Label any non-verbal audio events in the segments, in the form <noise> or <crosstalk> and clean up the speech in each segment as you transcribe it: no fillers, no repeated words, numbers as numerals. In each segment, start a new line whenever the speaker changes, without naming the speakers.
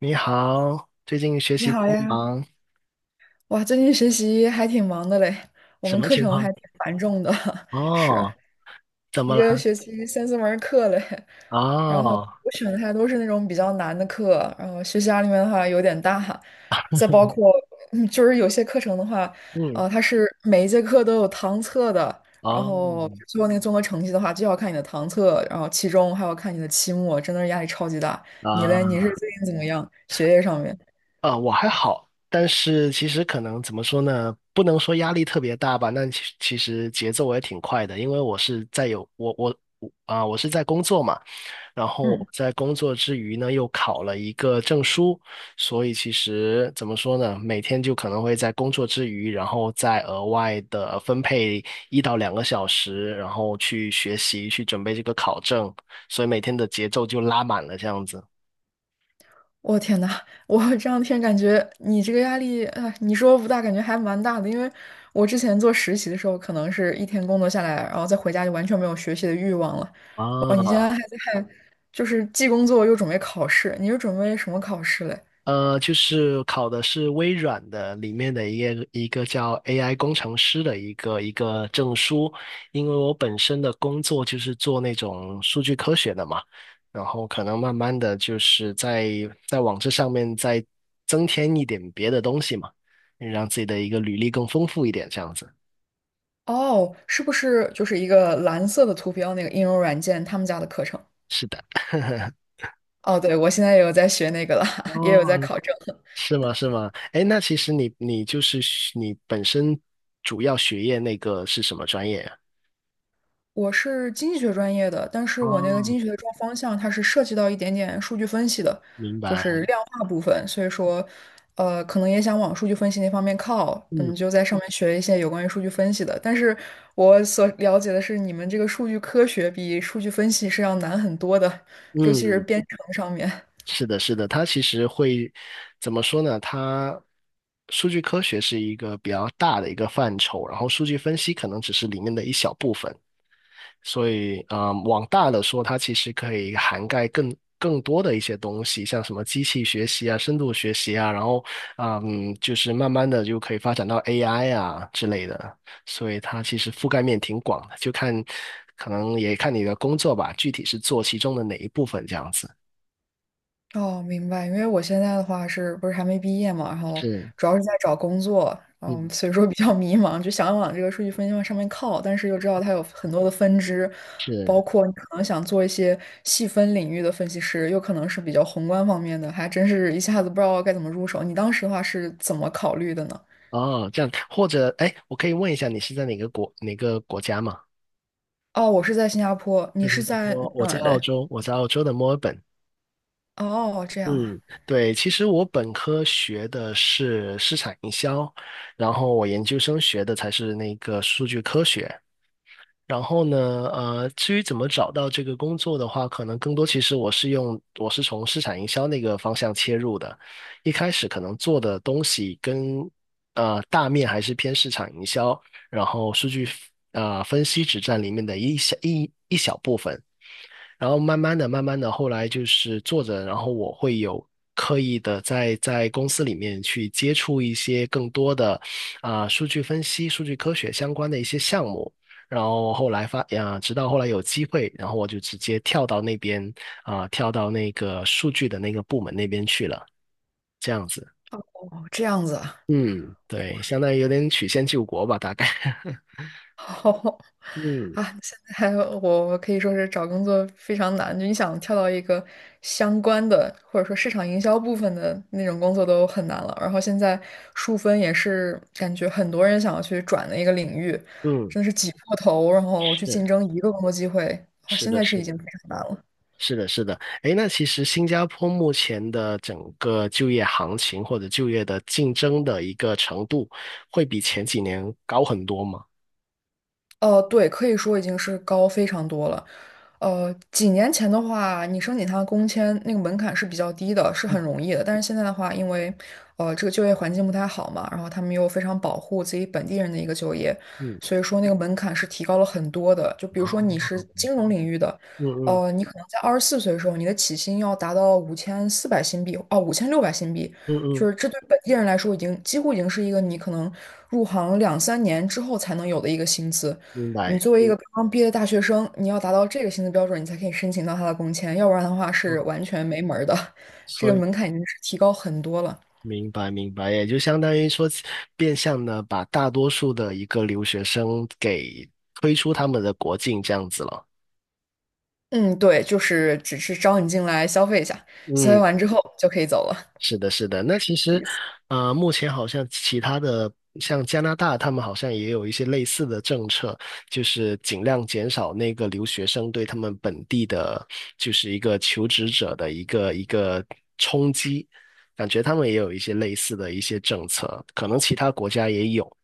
你好，最近学
你
习
好
帮
呀，
忙，
哇，最近学习还挺忙的嘞，我
什
们
么
课
情
程
况？
还挺繁重的，<laughs> 是
哦，怎么
一个
了？
学期三四门儿课嘞。然后
哦，
我选的还都是那种比较难的课，然后学习压力面的话有点大。再包
<laughs>
括，就是有些课程的话，
嗯，
它是每一节课都有堂测的，然
哦，
后最后那个综合成绩的话，就要看你的堂测，然后期中还要看你的期末，真的是压力超级大。你嘞，你
啊
是最近怎么样？学业上面？
我还好，但是其实可能怎么说呢？不能说压力特别大吧，那其实节奏我也挺快的，因为我是在有我我我啊，我是在工作嘛。然后
嗯。
在工作之余呢，又考了一个证书，所以其实怎么说呢，每天就可能会在工作之余，然后再额外的分配1到2个小时，然后去学习，去准备这个考证，所以每天的节奏就拉满了这样子。
我天呐，我这两天感觉你这个压力啊，你说不大，感觉还蛮大的。因为我之前做实习的时候，可能是一天工作下来，然后再回家就完全没有学习的欲望了。哦，你现
啊，
在还在，就是既工作又准备考试，你是准备什么考试嘞？
就是考的是微软的里面的一个叫 AI 工程师的一个证书，因为我本身的工作就是做那种数据科学的嘛，然后可能慢慢的就是在往这上面再增添一点别的东西嘛，让自己的一个履历更丰富一点，这样子。
哦，是不是就是一个蓝色的图标那个应用软件他们家的课程？
是的。<laughs>
哦，对，我现在也有在学那个了，<laughs> 也
哦，
有在考证。
是吗？是吗？哎，那其实你就是学你本身主要学业那个是什么专业呀？
我是经济学专业的，但是我那个
哦，
经济学的专方向它是涉及到一点点数据分析的，
明
就
白，
是量化部分，所以说，可能也想往数据分析那方面靠，
嗯
嗯，就在上面学一些有关于数据分析的。但是我所了解的是，你们这个数据科学比数据分析是要难很多的，尤其是
嗯，
编程上面。
是的，是的，它其实会怎么说呢？它数据科学是一个比较大的一个范畴，然后数据分析可能只是里面的一小部分。所以，嗯，往大了说，它其实可以涵盖更多的一些东西，像什么机器学习啊、深度学习啊，然后，嗯，就是慢慢的就可以发展到 AI 啊之类的。所以它其实覆盖面挺广的，就看可能也看你的工作吧，具体是做其中的哪一部分这样子。
哦，明白。因为我现在的话是不是还没毕业嘛，然后
是，
主要是在找工作，嗯，
嗯，
所以说比较迷茫，就想往这个数据分析往上面靠，但是又知道它有很多的分支，包
是，
括你可能想做一些细分领域的分析师，又可能是比较宏观方面的，还真是一下子不知道该怎么入手。你当时的话是怎么考虑的呢？
哦，这样，或者，哎，我可以问一下，你是在哪个国家吗？
哦，我是在新加坡，你是在
我
哪
在
儿
澳
的？
洲，我在澳洲的墨尔本。
哦，这样啊，
嗯，对，其实我本科学的是市场营销，然后我研究生学的才是那个数据科学。然后呢，至于怎么找到这个工作的话，可能更多其实我是从市场营销那个方向切入的，一开始可能做的东西跟大面还是偏市场营销，然后数据分析只占里面的一小一一小部分。然后慢慢的、慢慢的，后来就是做着，然后我会有刻意的在公司里面去接触一些更多的啊、数据分析、数据科学相关的一些项目。然后后来直到后来有机会，然后我就直接跳到那边啊、跳到那个数据的那个部门那边去了，这样子。
哦，这样子啊。
嗯，对，相当于有点曲线救国吧，大概。<laughs>
好
嗯
啊，现在我可以说是找工作非常难，就你想跳到一个相关的或者说市场营销部分的那种工作都很难了。然后现在数分也是感觉很多人想要去转的一个领域，
嗯，
真的是挤破头，然后去竞
是
争一个工作机会，哇，
是
现
的，
在是
是
已经
的。
非常难了。
是的，是的，诶，那其实新加坡目前的整个就业行情或者就业的竞争的一个程度，会比前几年高很多吗？
哦，对，可以说已经是高非常多了。几年前的话，你申请他的工签那个门槛是比较低的，是
嗯
很容易的。但是现在的话，因为这个就业环境不太好嘛，然后他们又非常保护自己本地人的一个就业，
嗯，
所以说那个门槛是提高了很多的。就比如说你
哦，
是金融领域的，
嗯嗯
你可能在24岁的时候，你的起薪要达到5400新币，哦，5600新币，
嗯
就
嗯，
是这对本地人来说已经几乎已经是一个你可能入行两三年之后才能有的一个薪资。
明
你
白。
作为一个刚刚毕业的大学生，你要达到这个薪资标准，你才可以申请到他的工签，要不然的话
嗯，
是完全没门儿的。<laughs> 这个
所以
门槛已经是提高很多了。
明白明白，也就相当于说，变相的把大多数的一个留学生给推出他们的国境这样子了。
嗯，对，就是只是招你进来消费一下，消费
嗯。
完之后就可以走了。
是的，是的。那其实，目前好像其他的，像加拿大，他们好像也有一些类似的政策，就是尽量减少那个留学生对他们本地的，就是一个求职者的一个冲击。感觉他们也有一些类似的一些政策，可能其他国家也有。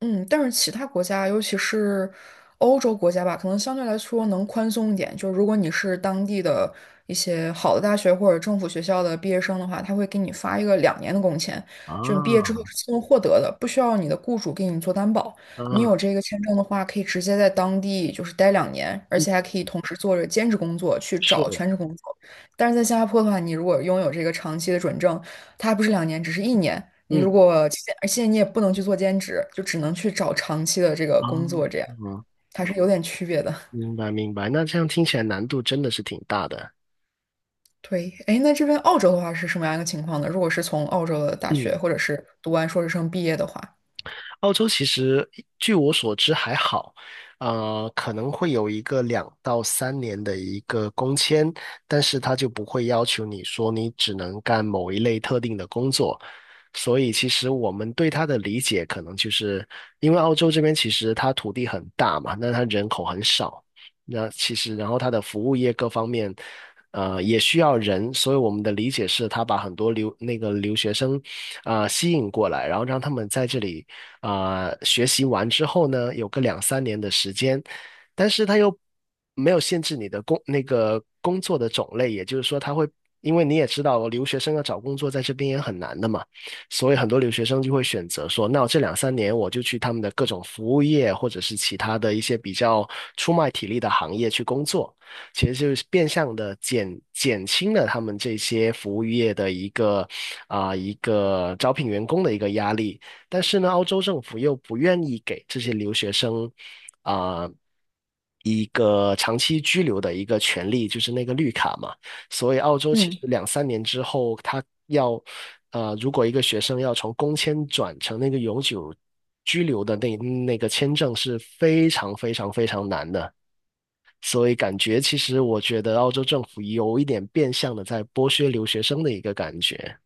嗯，但是其他国家，尤其是欧洲国家吧，可能相对来说能宽松一点。就如果你是当地的一些好的大学或者政府学校的毕业生的话，他会给你发一个两年的工签，
啊
就你毕业之后
啊，
是自动获得的，不需要你的雇主给你做担保。你有这个签证的话，可以直接在当地就是待两年，而
嗯，
且还可以同时做着兼职工作去找
是，
全职工作。但是在新加坡的话，你如果拥有这个长期的准证，它还不是两年，只是1年。你如
嗯，
果期间而且你也不能去做兼职，就只能去找长期的这个
啊，
工作，这样还是有点区别的。
明白明白。那这样听起来难度真的是挺大的。
对，哎，那这边澳洲的话是什么样一个情况呢？如果是从澳洲的大学
嗯。
或者是读完硕士生毕业的话，
澳洲其实据我所知还好，可能会有一个2到3年的一个工签，但是他就不会要求你说你只能干某一类特定的工作。所以其实我们对他的理解可能就是，因为澳洲这边其实它土地很大嘛，那它人口很少，那其实然后它的服务业各方面。也需要人，所以我们的理解是，他把很多留那个留学生，啊、吸引过来，然后让他们在这里啊、学习完之后呢，有个两三年的时间，但是他又没有限制你的工那个工作的种类，也就是说，他会因为你也知道，留学生要找工作在这边也很难的嘛，所以很多留学生就会选择说，那我这两三年我就去他们的各种服务业或者是其他的一些比较出卖体力的行业去工作。其实就是变相的减轻了他们这些服务业的一个啊、一个招聘员工的一个压力。但是呢，澳洲政府又不愿意给这些留学生啊、一个长期居留的一个权利，就是那个绿卡嘛。所以澳洲其
嗯。
实两三年之后，他要，如果一个学生要从工签转成那个永久居留的那个签证是非常非常非常难的。所以感觉其实我觉得澳洲政府有一点变相的在剥削留学生的一个感觉。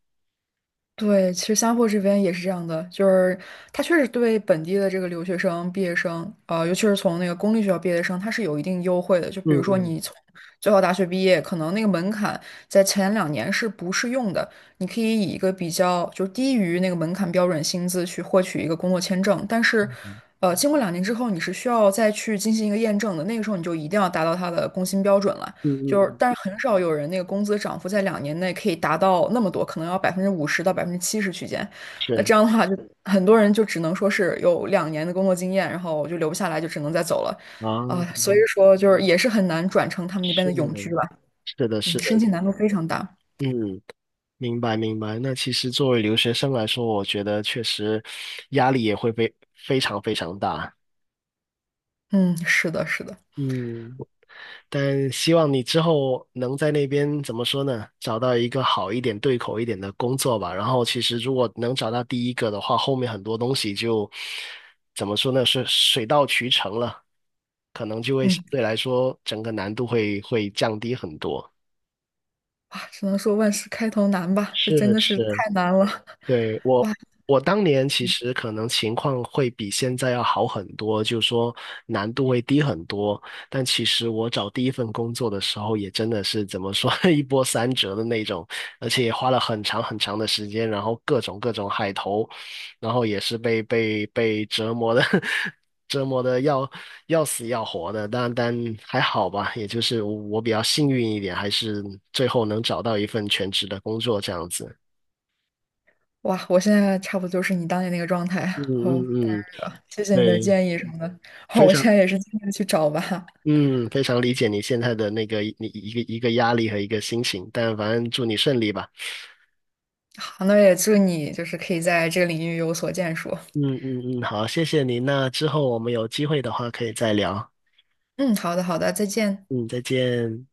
对，其实新加坡这边也是这样的，就是他确实对本地的这个留学生、毕业生，尤其是从那个公立学校毕业生，他是有一定优惠的。就比
嗯
如说
嗯
你从最好大学毕业，可能那个门槛在前两年是不适用的，你可以以一个比较就是低于那个门槛标准薪资去获取一个工作签证，但是，
嗯
经过两年之后，你是需要再去进行一个验证的，那个时候你就一定要达到他的工薪标准了。
嗯
就是，
嗯，
但是很少有人那个工资涨幅在两年内可以达到那么多，可能要50%到70%区间。那
是
这样的话就，很多人就只能说是有两年的工作经验，然后就留不下来，就只能再走了。
啊，
所以说就是也是很难转成他们那边
是
的永居吧。
是的，
嗯，
是
申
的，
请难度非常大。
嗯，明白明白。那其实作为留学生来说，我觉得确实压力也会非常非常大。
嗯，是的，是的。
嗯，但希望你之后能在那边怎么说呢？找到一个好一点、对口一点的工作吧。然后，其实如果能找到第一个的话，后面很多东西就怎么说呢？是水到渠成了，可能就会相
嗯，
对来说整个难度会降低很多。
哇，只能说万事开头难吧，这真
是
的是
是，
太难了。<laughs>
对，我，
哇
我当年其实可能情况会比现在要好很多，就是说难度会低很多。但其实我找第一份工作的时候，也真的是怎么说 <laughs> 一波三折的那种，而且也花了很长很长的时间，然后各种各种海投，然后也是被折磨的 <laughs> 折磨的要死要活的。但还好吧，也就是我比较幸运一点，还是最后能找到一份全职的工作这样子。
哇，我现在差不多就是你当年那个状态
嗯
哦。
嗯
谢谢你的
对，
建议什么的。好
非
我现
常，
在也是尽力去找吧。
嗯，非常理解你现在的那个你一个一个压力和一个心情，但反正祝你顺利吧。
好，那也祝你就是可以在这个领域有所建树。
嗯嗯嗯，好，谢谢您。那之后我们有机会的话可以再聊。
嗯，好的，好的，再见。
嗯，再见。